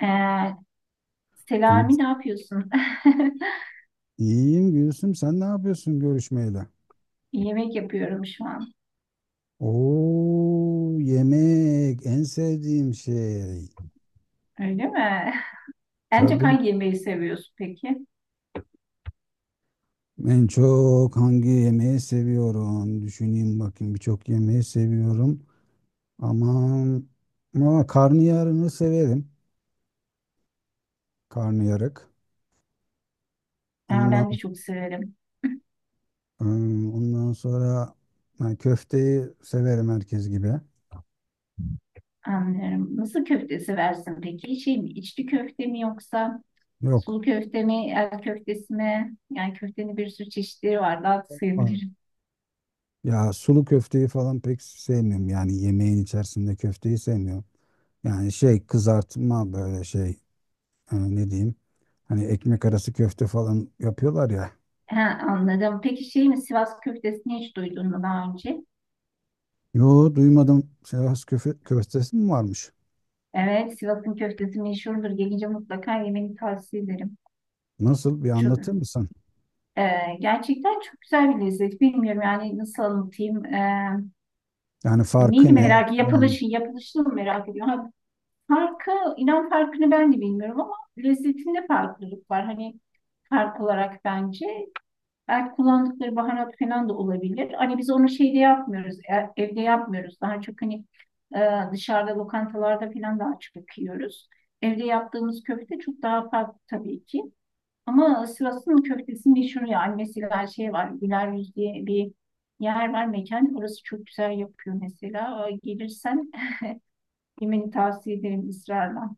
Ee, Gül. Selami ne yapıyorsun? İyiyim Gülsüm. Sen ne yapıyorsun görüşmeyle? Yemek yapıyorum şu an. Oo, yemek en sevdiğim şey. Öyle mi? En çok Tabii hangi yemeği seviyorsun peki? en çok hangi yemeği seviyorum? Düşüneyim bakayım, birçok yemeği seviyorum. Aman, ama karnıyarını severim. Karnıyarık. Aa, Ondan ben de çok severim. ondan sonra, ha, köfteyi severim herkes gibi. Anlarım. Nasıl köfte seversin peki? Şey mi, içli köfte mi yoksa Yok. sulu köfte mi, el köftesi mi? Yani köftenin bir sürü çeşitleri var. Daha da Aa, sayabilirim. ya sulu köfteyi falan pek sevmiyorum. Yani yemeğin içerisinde köfteyi sevmiyorum. Yani şey, kızartma, böyle şey, ne diyeyim, hani ekmek arası köfte falan yapıyorlar ya. Ha, anladım. Peki şey mi, Sivas köftesini hiç duydun mu daha önce? Yo, duymadım. Sivas köftesi mi varmış? Evet, Sivas'ın köftesi meşhurdur. Gelince mutlaka yemeni tavsiye ederim. Nasıl, bir Çok, anlatır mısın? Ee, Gerçekten çok güzel bir lezzet. Bilmiyorum yani nasıl anlatayım. Yani Neyini farkı ne? merak, Falan. yapılışı, yapılışını mı merak ediyorum. Ha, Farkı, inan farkını ben de bilmiyorum ama lezzetinde farklılık var. Hani fark olarak bence. Belki kullandıkları baharat falan da olabilir. Hani biz onu şeyde yapmıyoruz, evde yapmıyoruz. Daha çok hani dışarıda lokantalarda falan daha çok yiyoruz. Evde yaptığımız köfte çok daha farklı tabii ki. Ama Sivas'ın köftesi meşhur ya. Mesela şey var. Güler Yüz diye bir yer var mekan. Orası çok güzel yapıyor mesela. Gelirsen yemeni tavsiye ederim ısrarla.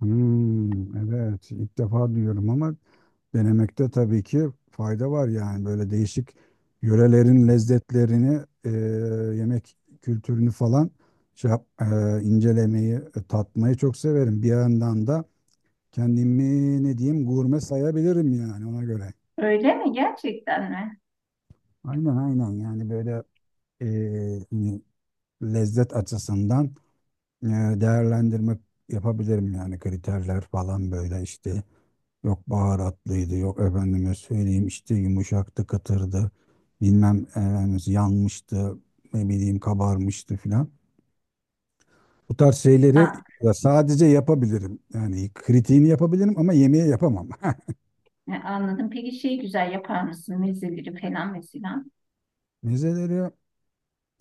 Hmm, evet, ilk defa duyuyorum ama denemekte tabii ki fayda var. Yani böyle değişik yörelerin lezzetlerini, yemek kültürünü falan, şey incelemeyi, tatmayı çok severim. Bir yandan da kendimi, ne diyeyim, gurme sayabilirim yani, ona göre. Öyle mi? Gerçekten mi? Aynen, aynen. Yani böyle hani lezzet açısından, değerlendirme yapabilirim yani. Kriterler falan böyle işte, yok baharatlıydı, yok efendime söyleyeyim işte yumuşaktı, kıtırdı, bilmem efendim yanmıştı, ne bileyim kabarmıştı filan. Bu tarz şeyleri Aa, ya sadece yapabilirim yani, kritiğini yapabilirim ama yemeği yapamam. Anladım. Peki şey güzel yapar mısın? Mezeleri falan mesela. Mezeleri.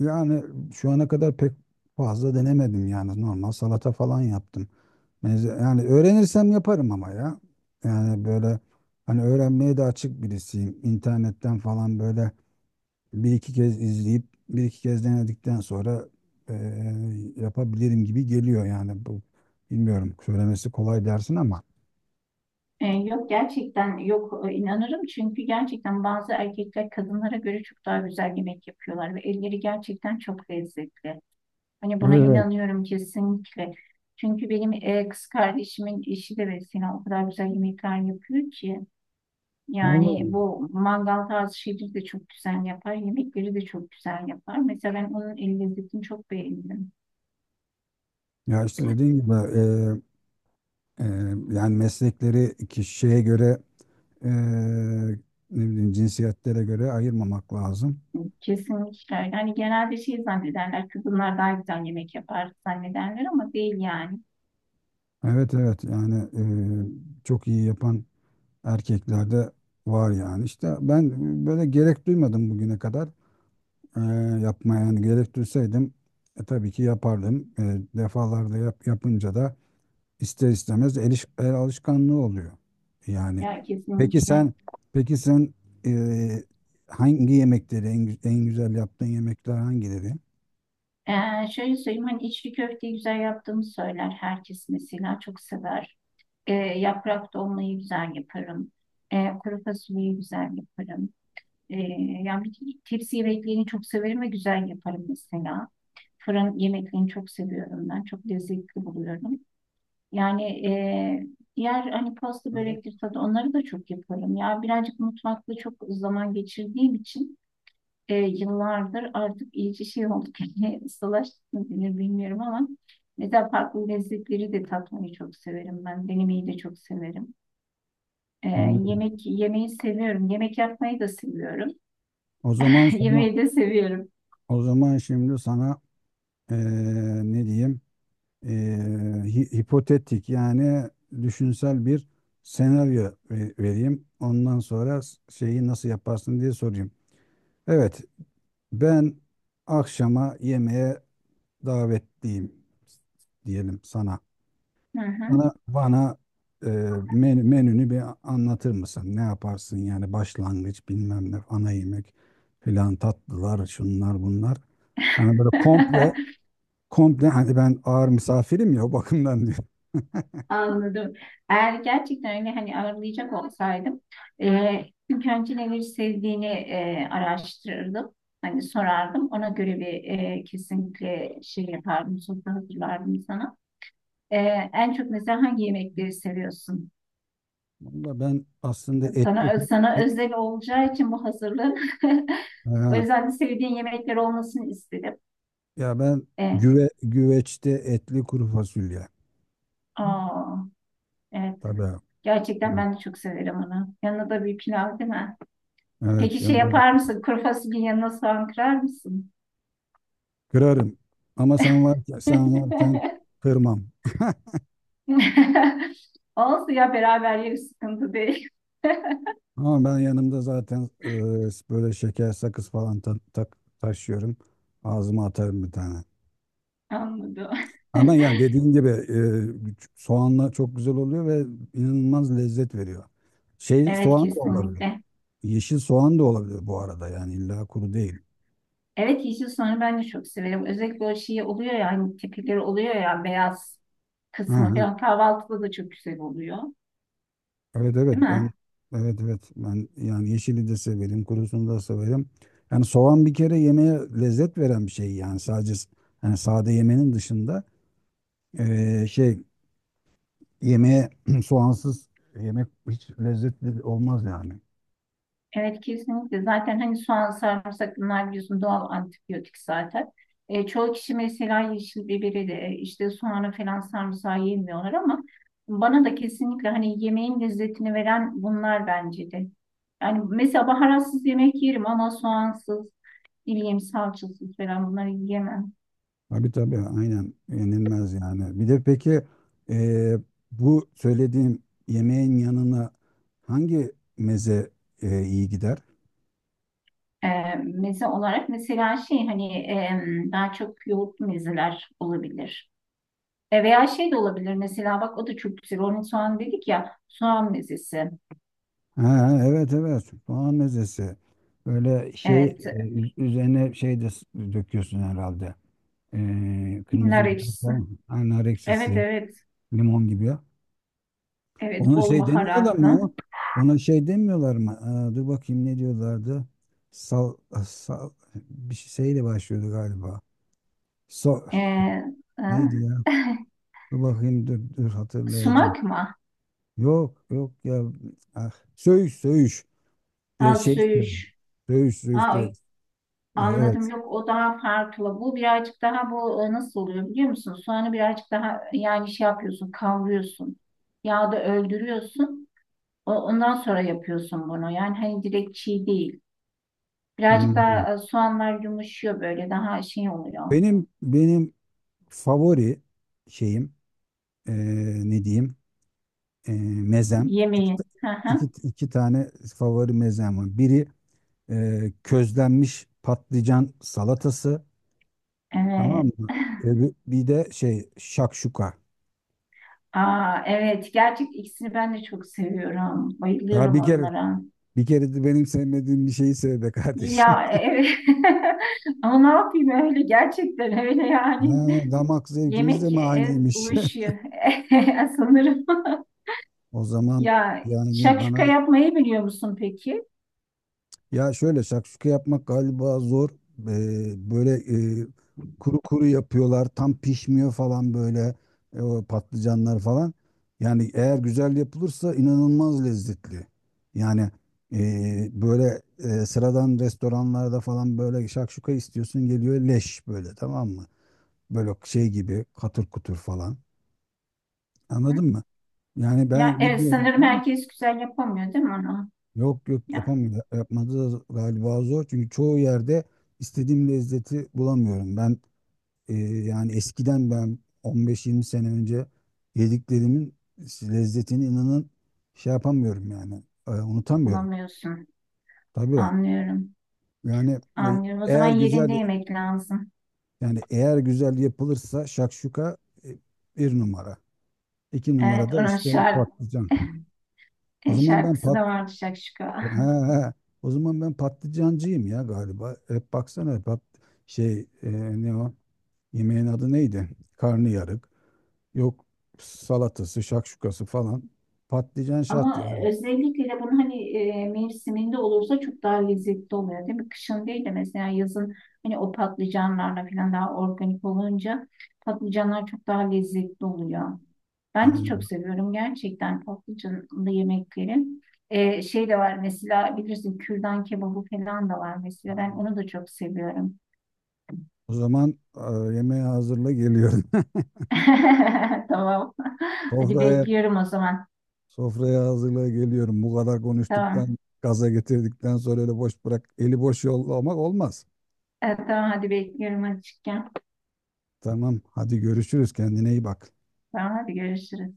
Yani şu ana kadar pek fazla denemedim, yani normal salata falan yaptım. Yani öğrenirsem yaparım ama ya. Yani böyle, hani öğrenmeye de açık birisiyim. İnternetten falan böyle bir iki kez izleyip bir iki kez denedikten sonra, yapabilirim gibi geliyor yani. Bu, bilmiyorum, söylemesi kolay dersin ama. Yok gerçekten yok inanırım. Çünkü gerçekten bazı erkekler kadınlara göre çok daha güzel yemek yapıyorlar ve elleri gerçekten çok lezzetli. Hani buna Evet. inanıyorum kesinlikle. Çünkü benim kız kardeşimin eşi de mesela o kadar güzel yemekler yapıyor ki. Yani Vallahi. bu mangal tarzı şeyleri de çok güzel yapar. Yemekleri de çok güzel yapar. Mesela ben onun el lezzetini çok beğendim. Ya işte dediğim gibi, Ee, yani meslekleri kişiye göre, eee, ne bileyim, cinsiyetlere göre ayırmamak lazım. Kesinlikle. Öyle. Hani genelde şey zannederler. Kadınlar daha güzel yemek yapar zannederler ama değil yani. Evet, evet. Yani çok iyi yapan erkeklerde var yani. İşte ben böyle gerek duymadım bugüne kadar eee yapmaya. Yani gerek duysaydım, tabii ki yapardım. Defalarda yapınca da ister istemez el alışkanlığı oluyor. Yani Ya peki kesinlikle. sen peki sen e, hangi yemekleri en güzel yaptığın yemekler hangileri? Şöyle söyleyeyim hani içli köfteyi güzel yaptığımı söyler herkes mesela çok sever. Yaprak dolmayı güzel yaparım. Kuru fasulyeyi güzel yaparım. E, Yani bütün tepsi yemeklerini çok severim ve güzel yaparım mesela. Fırın yemeklerini çok seviyorum ben. Çok lezzetli buluyorum. Yani e, diğer hani pasta Börek. börektir tadı onları da çok yaparım. Ya birazcık mutfakta çok zaman geçirdiğim için yıllardır artık iyice şey olduk. Yani ustalaştık mı denir bilmiyorum ama mesela farklı lezzetleri de tatmayı çok severim ben. Denemeyi de çok severim. Ee, Hmm. Yemek yemeği seviyorum. Yemek yapmayı da seviyorum. O zaman sana Yemeği de seviyorum. o zaman şimdi sana e, ne diyeyim, E, hipotetik yani düşünsel bir senaryo vereyim. Ondan sonra şeyi nasıl yaparsın diye sorayım. Evet, ben akşama yemeğe davetliyim diyelim sana. Hı hı. Bana, e, menünü bir anlatır mısın? Ne yaparsın yani, başlangıç, bilmem ne, ana yemek filan, tatlılar, şunlar bunlar. Yani böyle komple komple, hani ben ağır misafirim ya, o bakımdan diyor. Anladım. Eğer gerçekten öyle hani ağırlayacak olsaydım ilk önce neleri sevdiğini araştırırdım. Hani sorardım. Ona göre bir kesinlikle şey yapardım. Sofra hazırlardım sana. E, En çok mesela hangi yemekleri seviyorsun? Valla, ben aslında etli Sana, kuru sana e- özel olacağı için bu hazırlık. O ha, yüzden de sevdiğin yemekler olmasını istedim. ya ben E, güveçte etli kuru fasulye. Aa, evet. Tabii. Gerçekten ben de çok severim onu. Yanına da bir pilav değil mi? Evet, Peki şey yanına da yapar mısın? Kuru fasulyenin yanına soğan kırar mısın? kırarım. Ama sen varken kırmam. Olsun ya beraber yeriz sıkıntı değil. Ama ben yanımda zaten, böyle şeker, sakız falan taşıyorum. Ağzıma atarım bir tane. Anladım. Ama yani dediğin gibi, soğanla çok güzel oluyor ve inanılmaz lezzet veriyor. Şey, Evet soğan da olabilir. kesinlikle. Yeşil soğan da olabilir bu arada, yani illa kuru değil. Evet yeşil soğanı ben de çok severim. Özellikle o şey oluyor ya hani tepeleri oluyor ya beyaz Hı kısmı hı. falan kahvaltıda da çok güzel oluyor. Evet, evet Değil ben mi? evet evet ben yani yeşili de severim, kurusunu da severim. Yani soğan bir kere yemeğe lezzet veren bir şey yani, sadece yani sade yemenin dışında, e, şey yemeğe soğansız yemek hiç lezzetli olmaz yani. Evet kesinlikle. Zaten hani soğan, sarımsak bunlar biliyorsun doğal antibiyotik zaten. Çoğu kişi mesela yeşil biberi de işte soğanı falan sarımsağı yemiyorlar ama bana da kesinlikle hani yemeğin lezzetini veren bunlar bence de. Yani mesela baharatsız yemek yerim ama soğansız, ne bileyim salçasız falan bunları yiyemem. Tabii, tabii, aynen, yenilmez yani. Bir de peki, e, bu söylediğim yemeğin yanına hangi meze, iyi gider? E, Meze olarak mesela şey hani daha çok yoğurt mezeler olabilir. Veya şey de olabilir mesela bak o da çok güzel. Onun soğan dedik ya soğan mezesi. Ha, evet, evet, soğan mezesi. Böyle şey, Evet. Üzerine şey de döküyorsun herhalde. Kırmızı Nar biber ekşisi. falan. Ha, nar Evet ekşisi, evet. limon gibi. Evet Ona bol şey demiyorlar mı baharatlı. ya? Ona şey demiyorlar mı? Aa, dur bakayım, ne diyorlardı? Sal, sal bir şeyle başlıyordu galiba. So, E, e, neydi ya? Dur bakayım, dur dur, hatırlayacağım. sumak mı? Yok, yok ya. Ah, söğüş, söğüş. De, Ha şey söğüş. söğüş. Söğüş, söğüş. Ha anladım Evet. yok o daha farklı. Bu birazcık daha bu nasıl oluyor biliyor musun? Soğanı birazcık daha yani şey yapıyorsun kavuruyorsun. Yağda öldürüyorsun. Ondan sonra yapıyorsun bunu. Yani hani direkt çiğ değil. Birazcık Hmm. daha soğanlar yumuşuyor böyle daha şey oluyor. Benim favori şeyim, e, ne diyeyim, E, mezem. İki, Yemeği. Hı iki, hı. iki tane favori mezem var. Biri, közlenmiş patlıcan salatası, tamam Evet. mı? Bir de şey, şakşuka. Aa, evet. Gerçek ikisini ben de çok seviyorum. Ya Bayılıyorum bir kere, onlara. bir kere de benim sevmediğim bir şeyi sev be kardeşim. Ya evet. Ama ne yapayım öyle gerçekten öyle Ha, yani. damak zevkimiz de Yemek mi aynıymış? uyuşuyor sanırım. O zaman Ya yani şakşuka bana, yapmayı biliyor musun peki? ya şöyle, şakşuka yapmak galiba zor. Böyle, e, kuru kuru yapıyorlar, tam pişmiyor falan, böyle, o patlıcanlar falan. Yani eğer güzel yapılırsa inanılmaz lezzetli. Yani, böyle, sıradan restoranlarda falan, böyle şakşuka istiyorsun, geliyor leş, böyle, tamam mı? Böyle şey gibi, katır kutur falan. Hı? Anladın mı? Yani Ya ben evet bilmiyorum sanırım ama, herkes güzel yapamıyor değil mi onu? yok, yok, Ya yapamıyor. Yapmadı da galiba zor. Çünkü çoğu yerde istediğim lezzeti bulamıyorum. Ben, yani eskiden 15-20 sene önce yediklerimin lezzetini, inanın, şey yapamıyorum yani. Unutamıyorum. bulamıyorsun. Tabii. Anlıyorum. Yani e, Anlıyorum. O zaman eğer yerinde güzel yemek lazım. yani eğer güzel yapılırsa şakşuka, e, bir numara. İki Evet, numarada onun işte şarkı, patlıcan. O zaman ben şarkısı da vardı Şakşuka. ha, he. O zaman ben patlıcancıyım ya galiba. Hep baksana, şey, ne o? Yemeğin adı neydi? Karnıyarık. Yok, salatası, şakşukası falan. Patlıcan şart Ama yani. özellikle de bunun hani mevsiminde olursa çok daha lezzetli oluyor değil mi? Kışın değil de mesela yazın hani o patlıcanlarla falan daha organik olunca patlıcanlar çok daha lezzetli oluyor. Ben de çok Aynen. seviyorum gerçekten patlıcanlı yemekleri. Şey de var mesela bilirsin kürdan kebabı falan da var mesela ben onu da çok seviyorum. O zaman, yemeği hazırla, geliyorum. Tamam. Hadi Sofraya bekliyorum o zaman. sofraya hazırla, geliyorum. Bu kadar Tamam. konuştuktan, gaza getirdikten sonra öyle boş bırak, eli boş yollamak olmaz. Evet, tamam hadi bekliyorum açıkken. Tamam, hadi görüşürüz. Kendine iyi bak. Tamam hadi görüşürüz.